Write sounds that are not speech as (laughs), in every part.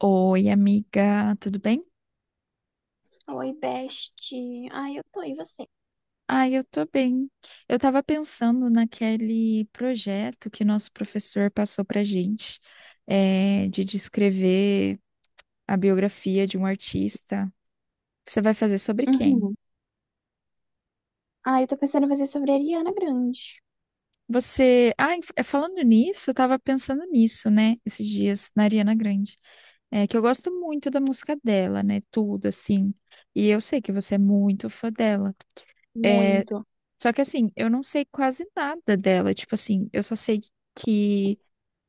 Oi, amiga, tudo bem? Oi, Best. Ai, eu tô, e você? Ah, eu tô bem. Eu tava pensando naquele projeto que nosso professor passou pra gente, de descrever a biografia de um artista. Você vai fazer sobre quem? Uhum. Ai, eu tô pensando em fazer sobre a Ariana Grande. Você. Ah, falando nisso, eu tava pensando nisso, né, esses dias, na Ariana Grande. É que eu gosto muito da música dela, né, tudo, assim. E eu sei que você é muito fã dela. É. Muito. Só que assim, eu não sei quase nada dela. Tipo assim, eu só sei que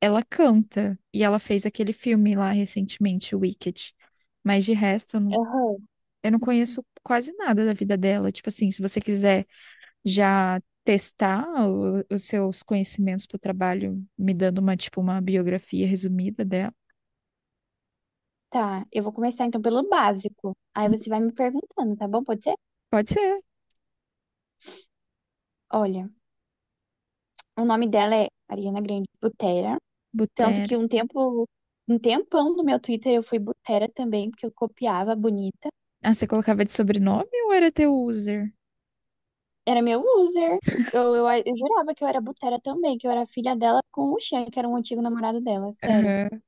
ela canta e ela fez aquele filme lá recentemente, Wicked. Mas de resto, Aham. eu não conheço quase nada da vida dela. Tipo assim, se você quiser já testar os seus conhecimentos pro trabalho, me dando uma, tipo, uma biografia resumida dela. Tá, eu vou começar então pelo básico. Aí Hum, você vai me perguntando, tá bom? Pode ser? pode ser. Olha, o nome dela é Ariana Grande Butera. Tanto que Butera. Um tempão no meu Twitter eu fui Butera também, porque eu copiava bonita. Ah, você colocava de sobrenome ou era teu user? Era meu user. Eu jurava que eu era Butera também, que eu era filha dela com o Xan, que era um antigo namorado dela, sério. Aham.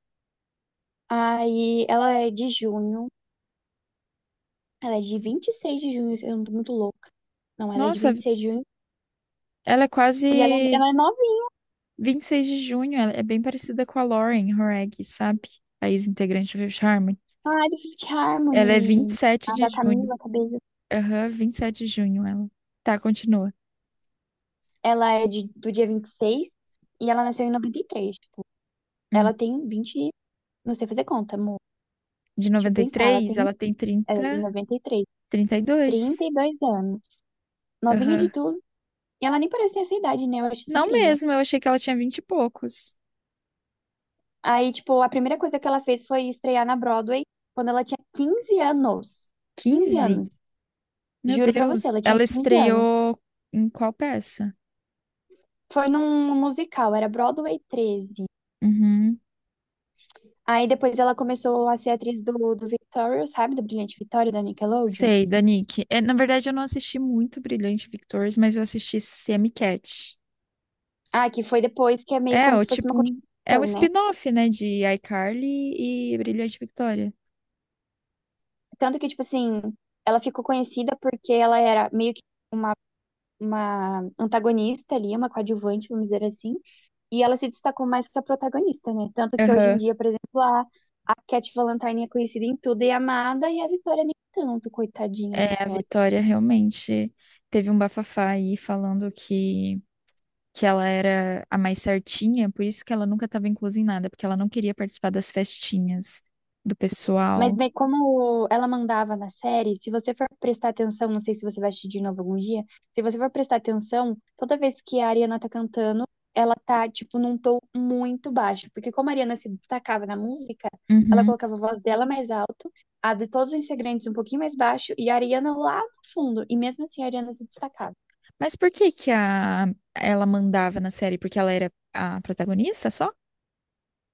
Aí ela é de junho. Ela é de 26 de junho, eu não tô muito louca. Não, ela é de Nossa, 26 de junho. ela é E ela, é, quase. ela é novinha. 26 de junho, ela é bem parecida com a Lauren Horag, sabe? A ex-integrante do Fifth Harmony. Ah, é do Fifth Ela é vinte e Harmony. sete A de da junho. Camila Cabello. Aham, 27 de junho ela. Tá, continua. Ela é do dia 26 e ela nasceu em 93. Hum. Ela tem 20. Não sei fazer conta, amor. De Deixa eu noventa e pensar. Ela três tem. ela tem Ela é de 30, 93, trinta e trinta dois e dois anos. Novinha de Aham. tudo. E ela nem parece ter essa idade, né? Eu acho isso Não incrível. mesmo, eu achei que ela tinha 20 e poucos. Aí, tipo, a primeira coisa que ela fez foi estrear na Broadway quando ela tinha 15 anos. 15 anos. 15. Meu Juro pra você, Deus. ela tinha Ela 15 anos. estreou em qual peça? Foi num musical, era Broadway 13. Uhum. Aí depois ela começou a ser atriz do Victoria, sabe? Do Brilhante Victoria, da Nickelodeon. Sei, da Nick. É, na verdade, eu não assisti muito Brilhante Victors, mas eu assisti Semi-Cat. Ah, que foi depois, que é meio É, como o se fosse uma tipo, é um continuação, né? spin-off, né, de iCarly e Brilhante Victória. Tanto que, tipo assim, ela ficou conhecida porque ela era meio que uma, uma antagonista ali, uma coadjuvante, vamos dizer assim. E ela se destacou mais que a protagonista, né? Tanto que hoje em Aham. dia, por exemplo, a Cat Valentine é conhecida em tudo e é amada, e a Vitória nem tanto, coitadinha da É, a Vitória. Vitória realmente teve um bafafá aí falando que ela era a mais certinha, por isso que ela nunca estava inclusa em nada, porque ela não queria participar das festinhas do Mas pessoal. bem, como ela mandava na série, se você for prestar atenção, não sei se você vai assistir de novo algum dia, se você for prestar atenção, toda vez que a Ariana tá cantando, ela tá, tipo, num tom muito baixo. Porque como a Ariana se destacava na música, ela Uhum. colocava a voz dela mais alto, a de todos os integrantes um pouquinho mais baixo, e a Ariana lá no fundo. E mesmo assim a Ariana se destacava. Mas por que que ela mandava na série? Porque ela era a protagonista só?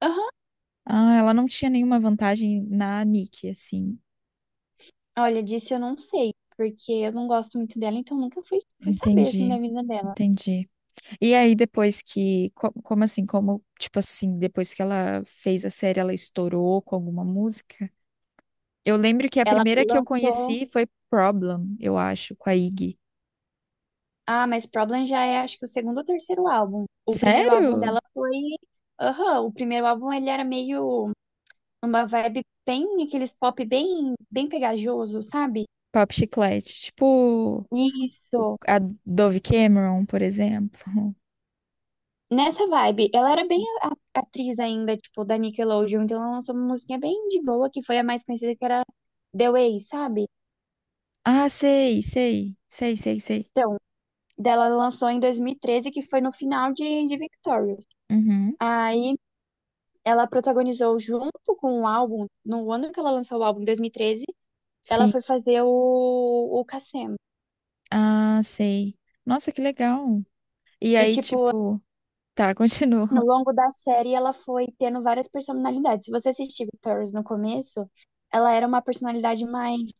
Aham. Ah, ela não tinha nenhuma vantagem na Nick, assim. Olha, disso eu não sei, porque eu não gosto muito dela, então nunca fui saber, assim, Entendi, da vida dela. entendi. E aí. Como assim? Como, tipo assim, depois que ela fez a série, ela estourou com alguma música? Eu lembro que a Ela primeira que eu lançou. conheci foi Problem, eu acho, com a Iggy. Ah, mas Problem já é, acho que o segundo ou terceiro álbum. O primeiro álbum Sério? dela foi. Aham, o primeiro álbum ele era meio uma vibe bem, aqueles pop bem, bem pegajoso, sabe? Pop Chiclete. Tipo, Isso. a Dove Cameron, por exemplo. (laughs) Nessa vibe, ela era bem atriz ainda, tipo, da Nickelodeon, então ela lançou uma musiquinha bem de boa, que foi a mais conhecida, que era The Way, sabe? Ah, sei, sei. Sei, sei, sei. Então, dela ela lançou em 2013, que foi no final de Victorious. Uhum, Aí, ela protagonizou junto com o álbum, no ano que ela lançou o álbum, em 2013 ela sim. foi fazer o Cassem. Ah, sei. Nossa, que legal. E E, aí, tipo, tipo. Tá, (laughs) continua. no longo da série, ela foi tendo várias personalidades. Se você assistir Victorious no começo, ela era uma personalidade mais.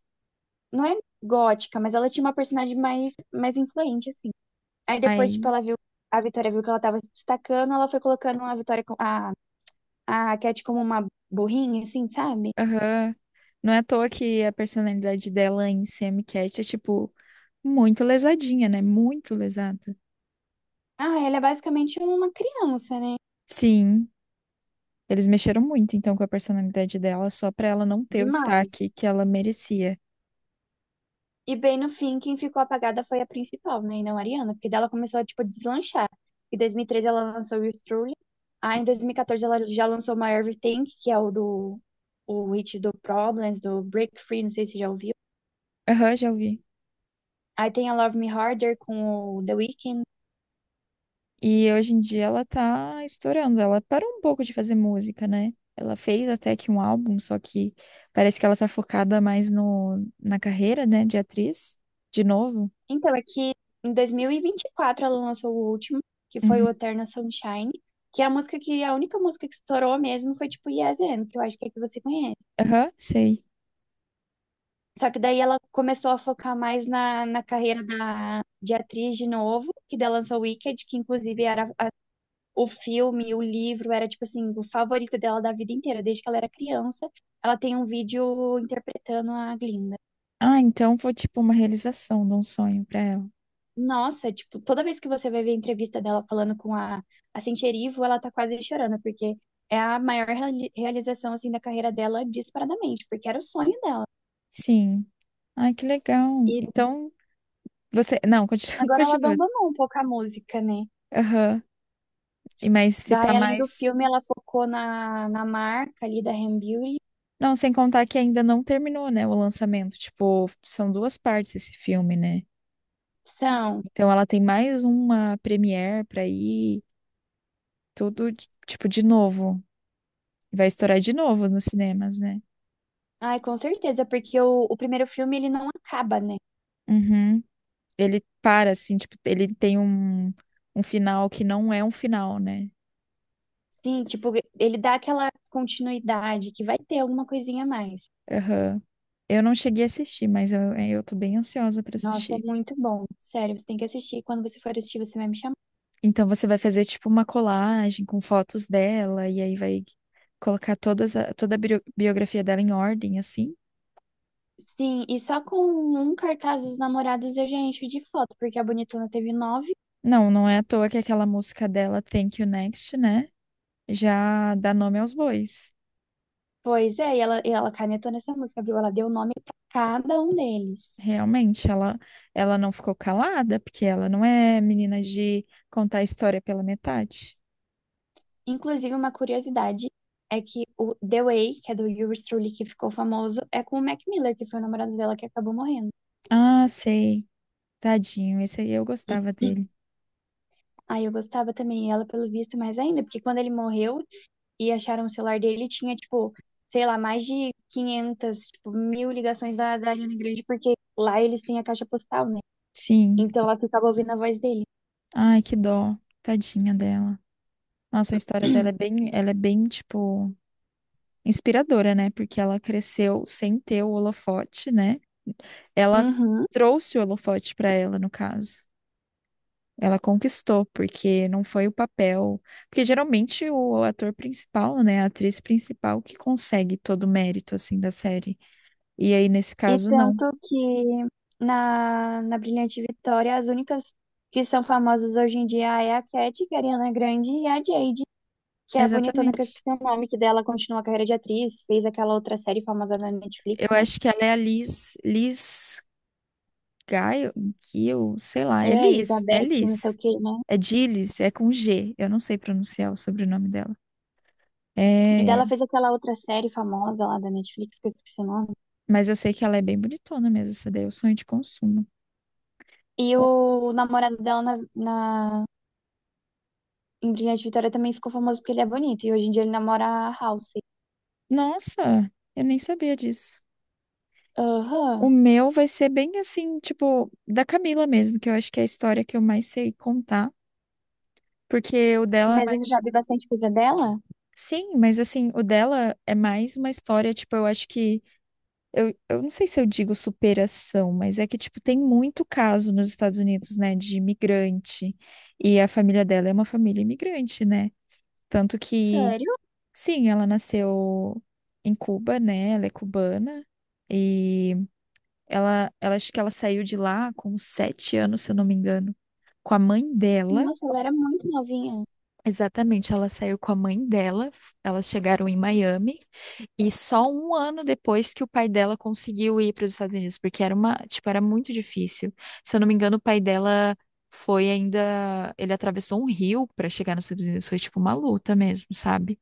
Não é gótica, mas ela tinha uma personalidade mais influente, assim. Aí depois, tipo, Aí. ela viu. A Vitória viu que ela tava se destacando, ela foi colocando a Vitória, a Cat como uma burrinha, assim, sabe? Aham. Não é à toa que a personalidade dela em Sam Cat é, tipo, muito lesadinha, né? Muito lesada. Ah, ela é basicamente uma criança, né? Sim, eles mexeram muito, então, com a personalidade dela, só pra ela não ter o Demais. destaque que ela merecia. E bem no fim, quem ficou apagada foi a principal, né? E não a Ariana, porque dela começou a, tipo, a deslanchar. Em 2013 ela lançou o Truly. Aí em 2014 ela já lançou My Everything, que é o hit do Problems, do Break Free, não sei se já ouviu. Aham, já ouvi. Aí tem a Love Me Harder com o The Weeknd. E hoje em dia ela tá estourando. Ela parou um pouco de fazer música, né? Ela fez até que um álbum, só que parece que ela tá focada mais no, na carreira, né, de atriz, de novo. Então é que em 2024 ela lançou o último, que foi o Uhum. Eternal Sunshine, que é a única música que estourou mesmo foi tipo Yes and, que eu acho que é que você conhece. Aham, sei. Só que daí ela começou a focar mais na carreira de atriz de novo, que daí lançou Wicked, que inclusive era o filme, o livro, era tipo assim, o favorito dela da vida inteira, desde que ela era criança. Ela tem um vídeo interpretando a Glinda. Ah, então foi tipo uma realização de um sonho para ela. Nossa, tipo, toda vez que você vai ver a entrevista dela falando com a Centerivo, ela tá quase chorando, porque é a maior realização, assim, da carreira dela disparadamente, porque era o sonho dela. Sim. Ai, que legal. E Então, você. Não, continua. (laughs) agora ela continua. abandonou um pouco a música, né? Aham. E mas Daí, fitar além do mais. filme, ela focou na marca ali da Ham Beauty. Não, sem contar que ainda não terminou, né, o lançamento. Tipo, são duas partes esse filme, né? São. Então ela tem mais uma premiere pra ir, tudo, tipo, de novo. Vai estourar de novo nos cinemas, né? Ai, com certeza, porque o primeiro filme ele não acaba, né? Uhum. Ele para, assim, tipo, ele tem um final que não é um final, né? Sim, tipo, ele dá aquela continuidade que vai ter alguma coisinha a mais. Aham. Eu não cheguei a assistir, mas eu tô bem ansiosa pra Nossa, é assistir. muito bom. Sério, você tem que assistir. Quando você for assistir, você vai me chamar. Então você vai fazer tipo uma colagem com fotos dela e aí vai colocar toda a biografia dela em ordem, assim? Sim, e só com um cartaz dos namorados eu já encho de foto, porque a Bonitona teve nove. Não, não é à toa que aquela música dela, Thank You Next, né? Já dá nome aos bois. Pois é, e ela canetou nessa música, viu? Ela deu o nome pra cada um deles. Realmente, ela não ficou calada, porque ela não é menina de contar a história pela metade. Inclusive, uma curiosidade é que o The Way, que é do Yuri Strulli, que ficou famoso, é com o Mac Miller, que foi o namorado dela que acabou morrendo. Ah, sei. Tadinho, esse aí eu gostava dele. (clears throat) Aí eu gostava também dela, pelo visto, mais ainda, porque quando ele morreu e acharam o celular dele, tinha, tipo, sei lá, mais de 500 tipo, mil ligações da Ariana Grande, porque lá eles têm a caixa postal, né? Sim. Então ela ficava ouvindo a voz dele. Ai, que dó. Tadinha dela. Nossa, a história dela é bem, ela é bem, tipo, inspiradora, né? Porque ela cresceu sem ter o holofote, né? Ela Uhum. trouxe o holofote pra ela, no caso. Ela conquistou, porque não foi o papel. Porque geralmente o ator principal, né? A atriz principal que consegue todo o mérito, assim, da série. E aí, nesse E caso, não. tanto que na Brilhante Vitória, as únicas que são famosas hoje em dia é a Cat, que é a Ariana Grande, e a Jade, que é a bonitona que eu Exatamente. esqueci o nome, que dela continua a carreira de atriz, fez aquela outra série famosa na Netflix, Eu né? acho que ela é a Liz, Liz Gaio, Gil, sei lá, é É, Liz, é Elizabeth, não sei o Liz. quê, né? É Gilles, é com G. Eu não sei pronunciar o sobrenome dela. E É, dela fez aquela outra série famosa lá da Netflix, que eu esqueci o nome. mas eu sei que ela é bem bonitona mesmo, essa daí é o sonho de consumo. E O- o namorado dela na, na em Brilhante Vitória também ficou famoso porque ele é bonito, e hoje em dia ele namora a Halsey. Nossa, eu nem sabia disso. O Aham. meu vai ser bem assim, tipo, da Camila mesmo, que eu acho que é a história que eu mais sei contar, porque o dela é Mas você mais. sabe bastante coisa dela? Sim, mas assim, o dela é mais uma história, tipo, eu acho que eu não sei se eu digo superação, mas é que, tipo, tem muito caso nos Estados Unidos, né, de imigrante. E a família dela é uma família imigrante, né? Tanto que, Sério. sim, ela nasceu em Cuba, né? Ela é cubana. E acho que ela saiu de lá com 7 anos, se eu não me engano, com a mãe dela. Nossa, ela era muito novinha. Exatamente, ela saiu com a mãe dela, elas chegaram em Miami, e só um ano depois que o pai dela conseguiu ir para os Estados Unidos, porque era uma, tipo, era muito difícil. Se eu não me engano, o pai dela foi ainda, ele atravessou um rio para chegar nos Estados Unidos, foi tipo uma luta mesmo, sabe?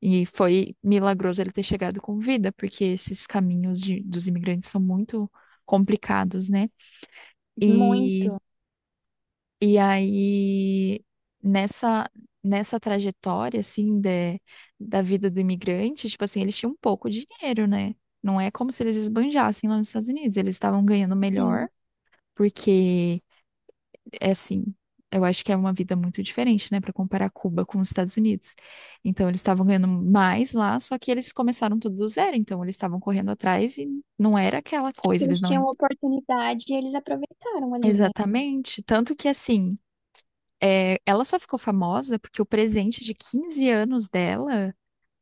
E foi milagroso ele ter chegado com vida, porque esses caminhos dos imigrantes são muito complicados, né? E Muito. e aí, nessa, nessa trajetória, assim, de, da vida do imigrante, tipo assim, eles tinham pouco dinheiro, né? Não é como se eles esbanjassem lá nos Estados Unidos. Eles estavam ganhando Sim. melhor, porque, é assim, eu acho que é uma vida muito diferente, né? Para comparar Cuba com os Estados Unidos. Então, eles estavam ganhando mais lá, só que eles começaram tudo do zero. Então, eles estavam correndo atrás e não era aquela É porque coisa. Eles eles não. tinham oportunidade e eles aproveitaram ali, né? Exatamente. Tanto que, assim. É, ela só ficou famosa porque o presente de 15 anos dela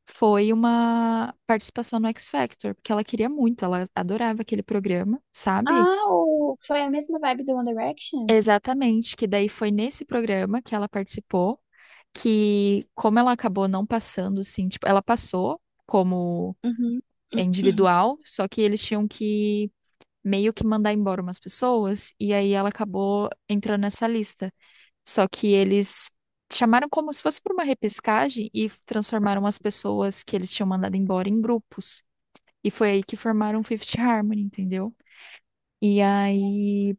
foi uma participação no X Factor, porque ela queria muito, ela adorava aquele programa, sabe? Ah, foi a mesma vibe do One Direction? Exatamente, que daí foi nesse programa que ela participou, que como ela acabou não passando, assim, tipo, ela passou como Uhum. individual, só que eles tinham que meio que mandar embora umas pessoas, e aí ela acabou entrando nessa lista. Só que eles chamaram como se fosse por uma repescagem e transformaram as pessoas que eles tinham mandado embora em grupos. E foi aí que formaram o Fifth Harmony, entendeu? E aí.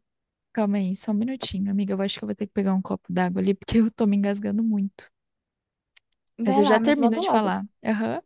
Calma aí, só um minutinho, amiga. Eu acho que eu vou ter que pegar um copo d'água ali, porque (laughs) eu tô me engasgando muito. Mas Vai eu já lá, mas termino volta de logo. falar. Aham.